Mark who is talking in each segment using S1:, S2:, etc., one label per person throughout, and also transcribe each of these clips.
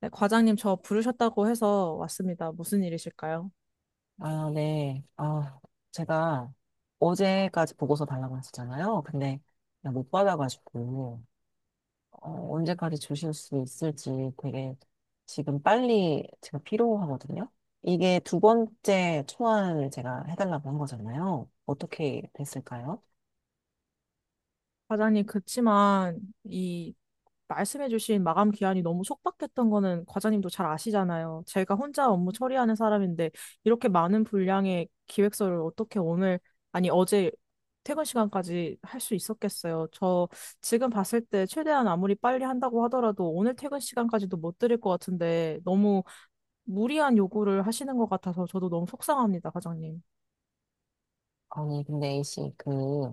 S1: 네, 과장님 저 부르셨다고 해서 왔습니다. 무슨 일이실까요?
S2: 아, 네. 아, 제가 어제까지 보고서 달라고 했었잖아요. 근데 그냥 못 받아가지고, 언제까지 주실 수 있을지 되게 지금 빨리 제가 필요하거든요. 이게 두 번째 초안을 제가 해달라고 한 거잖아요. 어떻게 됐을까요?
S1: 과장님, 그치만 이 말씀해주신 마감 기한이 너무 촉박했던 거는 과장님도 잘 아시잖아요. 제가 혼자 업무 처리하는 사람인데 이렇게 많은 분량의 기획서를 어떻게 오늘, 아니 어제 퇴근 시간까지 할 수 있었겠어요? 저 지금 봤을 때 최대한 아무리 빨리 한다고 하더라도 오늘 퇴근 시간까지도 못 드릴 것 같은데, 너무 무리한 요구를 하시는 것 같아서 저도 너무 속상합니다, 과장님.
S2: 아니, 근데 A씨, 그,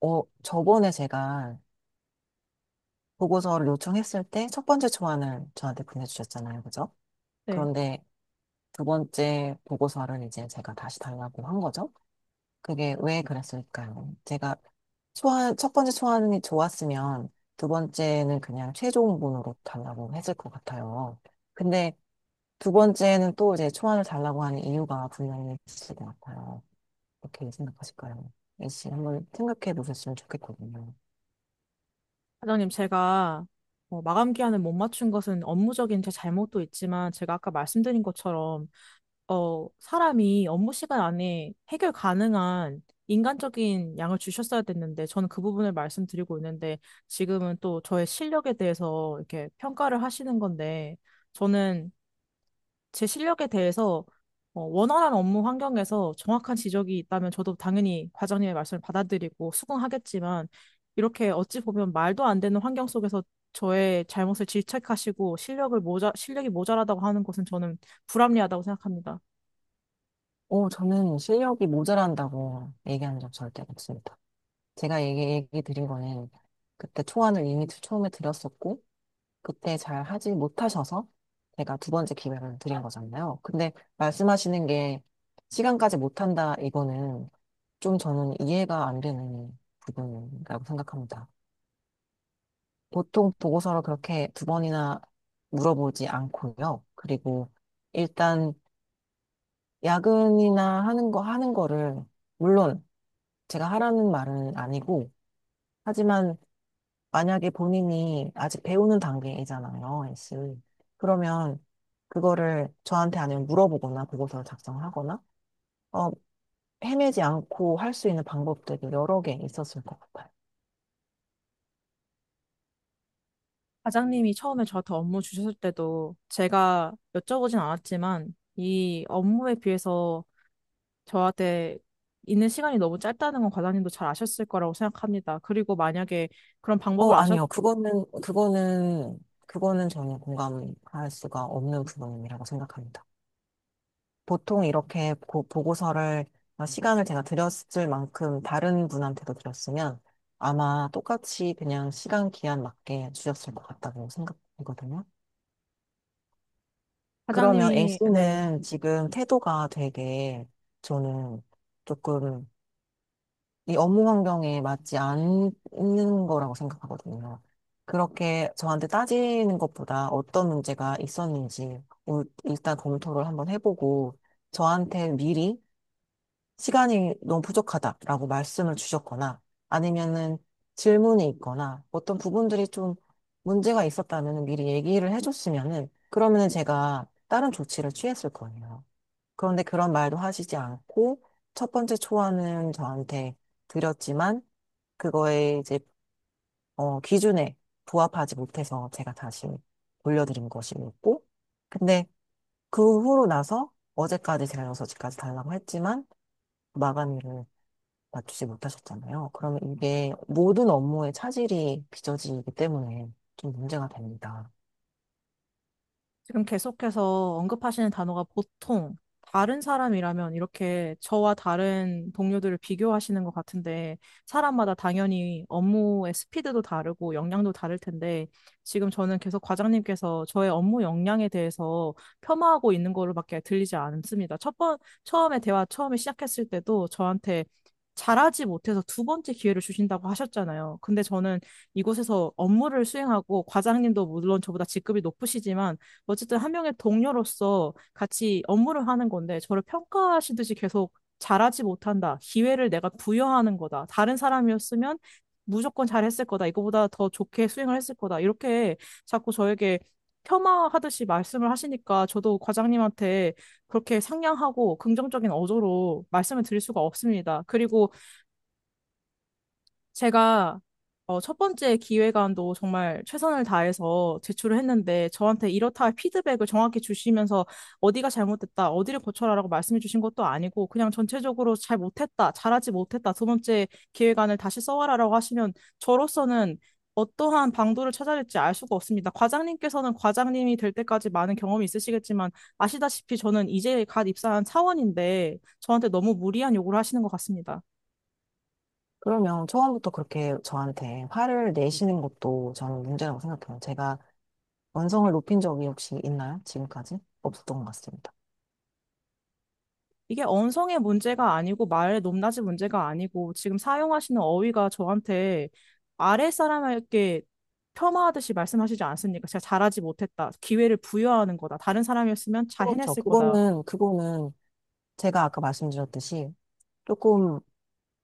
S2: 저번에 제가 보고서를 요청했을 때 첫 번째 초안을 저한테 보내주셨잖아요. 그죠?
S1: 네.
S2: 그런데 두 번째 보고서를 이제 제가 다시 달라고 한 거죠. 그게 왜 그랬을까요? 제가 첫 번째 소환이 좋았으면 두 번째는 그냥 최종본으로 달라고 했을 것 같아요. 근데 두 번째는 또 이제 소환을 달라고 하는 이유가 분명히 있을 것 같아요. 어떻게 생각하실까요? 애씨 한번 생각해 보셨으면 좋겠거든요.
S1: 사장님, 제가 마감 기한을 못 맞춘 것은 업무적인 제 잘못도 있지만, 제가 아까 말씀드린 것처럼 사람이 업무 시간 안에 해결 가능한 인간적인 양을 주셨어야 됐는데, 저는 그 부분을 말씀드리고 있는데 지금은 또 저의 실력에 대해서 이렇게 평가를 하시는 건데, 저는 제 실력에 대해서 원활한 업무 환경에서 정확한 지적이 있다면 저도 당연히 과장님의 말씀을 받아들이고 수긍하겠지만, 이렇게 어찌 보면 말도 안 되는 환경 속에서 저의 잘못을 질책하시고 실력이 모자라다고 하는 것은 저는 불합리하다고 생각합니다.
S2: 오, 저는 실력이 모자란다고 얘기한 적 절대 없습니다. 제가 얘기, 얘기 드린 거는 그때 초안을 이미 처음에 드렸었고, 그때 잘 하지 못하셔서 제가 두 번째 기회를 드린 거잖아요. 근데 말씀하시는 게 시간까지 못한다 이거는 좀 저는 이해가 안 되는 부분이라고 생각합니다. 보통 보고서를 그렇게 두 번이나 물어보지 않고요. 그리고 일단 야근이나 하는 거를 물론 제가 하라는 말은 아니고 하지만 만약에 본인이 아직 배우는 단계이잖아요, S. 그러면 그거를 저한테 아니면 물어보거나 보고서를 작성하거나, 어, 헤매지 않고 할 수 있는 방법들이 여러 개 있었을 것 같아요.
S1: 과장님이 처음에 저한테 업무 주셨을 때도 제가 여쭤보진 않았지만, 이 업무에 비해서 저한테 있는 시간이 너무 짧다는 건 과장님도 잘 아셨을 거라고 생각합니다. 그리고 만약에 그런 방법을 아셨
S2: 아니요. 그거는 전혀 공감할 수가 없는 부분이라고 생각합니다. 보통 이렇게 보고서를, 시간을 제가 드렸을 만큼 다른 분한테도 드렸으면 아마 똑같이 그냥 시간 기한 맞게 주셨을 것 같다고 생각되거든요. 그러면
S1: 네.
S2: A씨는 지금 태도가 되게 저는 조금 이 업무 환경에 맞지 않는 거라고 생각하거든요. 그렇게 저한테 따지는 것보다 어떤 문제가 있었는지 일단 검토를 한번 해보고 저한테 미리 시간이 너무 부족하다라고 말씀을 주셨거나 아니면은 질문이 있거나 어떤 부분들이 좀 문제가 있었다면 미리 얘기를 해줬으면은 그러면은 제가 다른 조치를 취했을 거예요. 그런데 그런 말도 하시지 않고 첫 번째 초안은 저한테 드렸지만 그거에 이제 기준에 부합하지 못해서 제가 다시 돌려드린 것이었고 근데 그 후로 나서 어제까지 제가 6시까지 달라고 했지만 마감일을 맞추지 못하셨잖아요. 그러면 이게 모든 업무에 차질이 빚어지기 때문에 좀 문제가 됩니다.
S1: 지금 계속해서 언급하시는 단어가 보통 다른 사람이라면, 이렇게 저와 다른 동료들을 비교하시는 것 같은데, 사람마다 당연히 업무의 스피드도 다르고 역량도 다를 텐데, 지금 저는 계속 과장님께서 저의 업무 역량에 대해서 폄하하고 있는 거로밖에 들리지 않습니다. 처음에 대화 처음에 시작했을 때도 저한테 잘하지 못해서 두 번째 기회를 주신다고 하셨잖아요. 근데 저는 이곳에서 업무를 수행하고, 과장님도 물론 저보다 직급이 높으시지만 어쨌든 한 명의 동료로서 같이 업무를 하는 건데, 저를 평가하시듯이 계속 잘하지 못한다, 기회를 내가 부여하는 거다, 다른 사람이었으면 무조건 잘했을 거다, 이거보다 더 좋게 수행을 했을 거다, 이렇게 자꾸 저에게 폄하하듯이 말씀을 하시니까 저도 과장님한테 그렇게 상냥하고 긍정적인 어조로 말씀을 드릴 수가 없습니다. 그리고 제가 첫 번째 기획안도 정말 최선을 다해서 제출을 했는데, 저한테 이렇다 할 피드백을 정확히 주시면서 어디가 잘못됐다, 어디를 고쳐라라고 말씀해 주신 것도 아니고, 그냥 전체적으로 잘 못했다, 잘하지 못했다, 두 번째 기획안을 다시 써와라라고 하시면 저로서는 어떠한 방도를 찾아야 될지 알 수가 없습니다. 과장님께서는 과장님이 될 때까지 많은 경험이 있으시겠지만, 아시다시피 저는 이제 갓 입사한 사원인데 저한테 너무 무리한 요구를 하시는 것 같습니다.
S2: 그러면 처음부터 그렇게 저한테 화를 내시는 것도 저는 문제라고 생각해요. 제가 완성을 높인 적이 혹시 있나요? 지금까지? 없었던 것 같습니다.
S1: 이게 언성의 문제가 아니고, 말의 높낮이 문제가 아니고, 지금 사용하시는 어휘가 저한테, 아래 사람에게 폄하하듯이 말씀하시지 않습니까? 제가 잘하지 못했다, 기회를 부여하는 거다, 다른 사람이었으면 잘
S2: 그렇죠.
S1: 해냈을 거다.
S2: 그거는 제가 아까 말씀드렸듯이 조금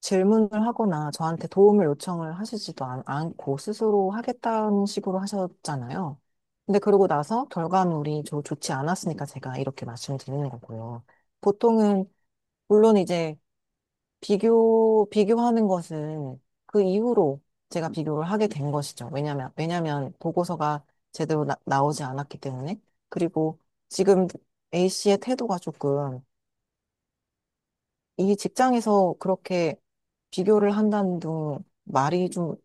S2: 질문을 하거나 저한테 도움을 요청을 않고 스스로 하겠다는 식으로 하셨잖아요. 근데 그러고 나서 결과물이 좋지 않았으니까 제가 이렇게 말씀드리는 거고요. 보통은, 물론 이제 비교하는 것은 그 이후로 제가 비교를 하게 된 것이죠. 왜냐면 보고서가 제대로 나오지 않았기 때문에. 그리고 지금 A씨의 태도가 조금 이 직장에서 그렇게 비교를 한다는 둥 말이 좀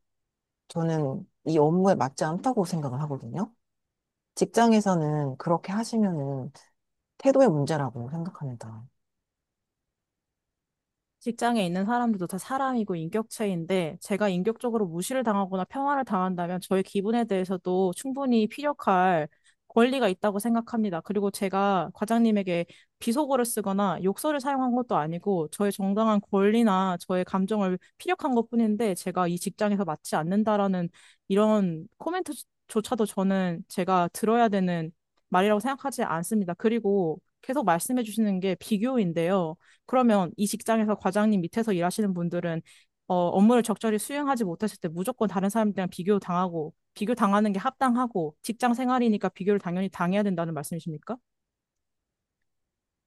S2: 저는 이 업무에 맞지 않다고 생각을 하거든요. 직장에서는 그렇게 하시면은 태도의 문제라고 생각합니다.
S1: 직장에 있는 사람들도 다 사람이고 인격체인데, 제가 인격적으로 무시를 당하거나 평화를 당한다면 저의 기분에 대해서도 충분히 피력할 권리가 있다고 생각합니다. 그리고 제가 과장님에게 비속어를 쓰거나 욕설을 사용한 것도 아니고, 저의 정당한 권리나 저의 감정을 피력한 것뿐인데, 제가 이 직장에서 맞지 않는다라는 이런 코멘트조차도 저는 제가 들어야 되는 말이라고 생각하지 않습니다. 그리고 계속 말씀해 주시는 게 비교인데요. 그러면 이 직장에서 과장님 밑에서 일하시는 분들은 업무를 적절히 수행하지 못했을 때 무조건 다른 사람들이랑 비교 당하고, 비교 당하는 게 합당하고 직장 생활이니까 비교를 당연히 당해야 된다는 말씀이십니까?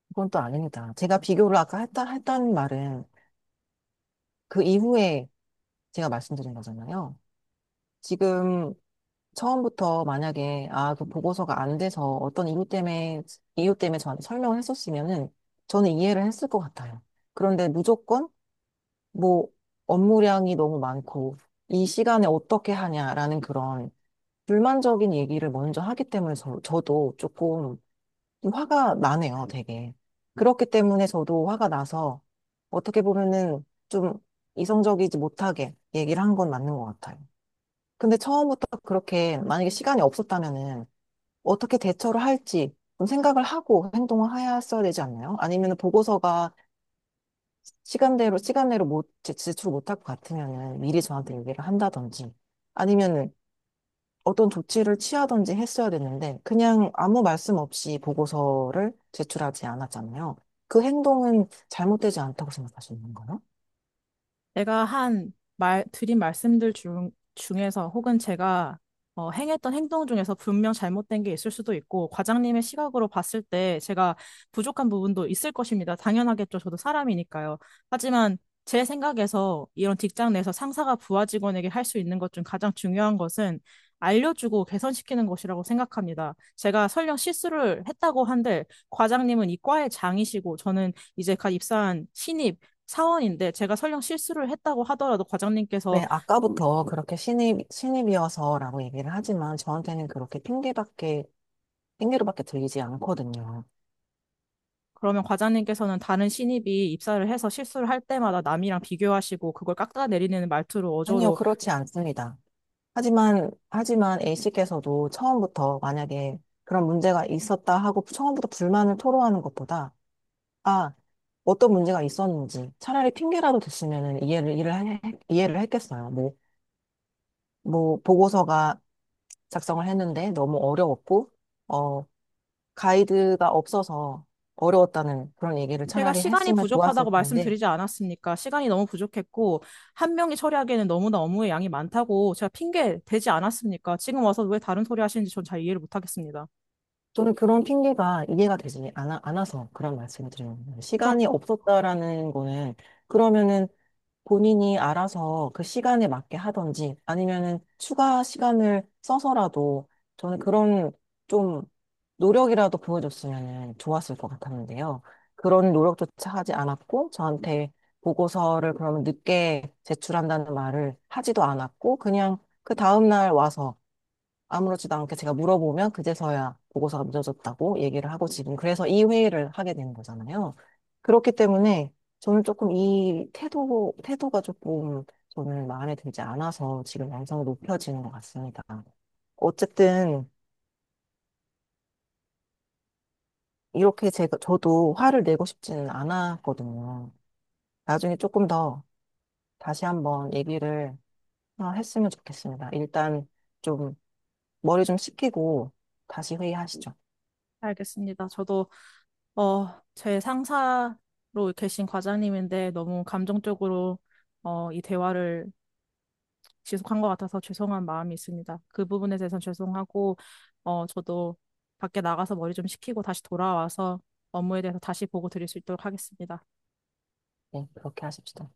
S2: 그건 또 아닙니다. 제가 비교를 아까 했다는 말은 그 이후에 제가 말씀드린 거잖아요. 지금 처음부터 만약에 아, 그 보고서가 안 돼서 어떤 이유 때문에 이유 때문에 저한테 설명을 했었으면은 저는 이해를 했을 것 같아요. 그런데 무조건 뭐 업무량이 너무 많고 이 시간에 어떻게 하냐라는 그런 불만적인 얘기를 먼저 하기 때문에 저도 조금 좀 화가 나네요, 되게. 그렇기 때문에 저도 화가 나서 어떻게 보면은 좀 이성적이지 못하게 얘기를 한 건 맞는 것 같아요. 근데 처음부터 그렇게 만약에 시간이 없었다면은 어떻게 대처를 할지 좀 생각을 하고 행동을 하였어야 되지 않나요? 아니면 보고서가 시간대로 못 제- 제출 못할 것 같으면은 미리 저한테 얘기를 한다든지 아니면은 어떤 조치를 취하든지 했어야 됐는데 그냥 아무 말씀 없이 보고서를 제출하지 않았잖아요. 그 행동은 잘못되지 않다고 생각하시는 건가요?
S1: 드린 말씀들 중에서, 혹은 제가 행했던 행동 중에서 분명 잘못된 게 있을 수도 있고, 과장님의 시각으로 봤을 때 제가 부족한 부분도 있을 것입니다. 당연하겠죠. 저도 사람이니까요. 하지만 제 생각에서 이런 직장 내에서 상사가 부하 직원에게 할 수 있는 것 중 가장 중요한 것은 알려주고 개선시키는 것이라고 생각합니다. 제가 설령 실수를 했다고 한들 과장님은 이 과의 장이시고 저는 이제 갓 입사한 신입 사원인데, 제가 설령 실수를 했다고 하더라도 과장님께서.
S2: 네, 아까부터 그렇게 신입이어서라고 얘기를 하지만 저한테는 그렇게 핑계밖에 핑계로밖에 들리지 않거든요.
S1: 그러면 과장님께서는 다른 신입이 입사를 해서 실수를 할 때마다 남이랑 비교하시고 그걸 깎아내리는 말투로,
S2: 아니요,
S1: 어조로.
S2: 그렇지 않습니다. 하지만 A씨께서도 처음부터 만약에 그런 문제가 있었다 하고 처음부터 불만을 토로하는 것보다, 아, 어떤 문제가 있었는지 차라리 핑계라도 됐으면 이해를, 이해를, 하- 이해를 했겠어요. 뭐, 보고서가 작성을 했는데 너무 어려웠고, 어, 가이드가 없어서 어려웠다는 그런 얘기를
S1: 제가
S2: 차라리
S1: 시간이
S2: 했으면 좋았을
S1: 부족하다고
S2: 텐데,
S1: 말씀드리지 않았습니까? 시간이 너무 부족했고 한 명이 처리하기에는 너무나 업무의 양이 많다고 제가 핑계 대지 않았습니까? 지금 와서 왜 다른 소리 하시는지 전 잘 이해를 못하겠습니다.
S2: 저는 그런 핑계가 이해가 않아서 그런 말씀을 드리는 거예요.
S1: 그럼
S2: 시간이 없었다라는 거는 그러면은 본인이 알아서 그 시간에 맞게 하든지 아니면은 추가 시간을 써서라도 저는 그런 좀 노력이라도 보여줬으면은 좋았을 것 같았는데요. 그런 노력조차 하지 않았고 저한테 보고서를 그러면 늦게 제출한다는 말을 하지도 않았고 그냥 그 다음날 와서 아무렇지도 않게 제가 물어보면 그제서야 보고서가 늦어졌다고 얘기를 하고 지금 그래서 이 회의를 하게 되는 거잖아요. 그렇기 때문에 저는 조금 이 태도가 조금 저는 마음에 들지 않아서 지금 양성이 높여지는 것 같습니다. 어쨌든 이렇게 저도 화를 내고 싶지는 않았거든요. 나중에 조금 더 다시 한번 얘기를 했으면 좋겠습니다. 일단 좀 머리 좀 식히고 다시 회의하시죠.
S1: 알겠습니다. 저도 어, 제 상사로 계신 과장님인데 너무 감정적으로 이 대화를 지속한 것 같아서 죄송한 마음이 있습니다. 그 부분에 대해서는 죄송하고, 저도 밖에 나가서 머리 좀 식히고 다시 돌아와서 업무에 대해서 다시 보고 드릴 수 있도록 하겠습니다.
S2: 네, 그렇게 하십시오.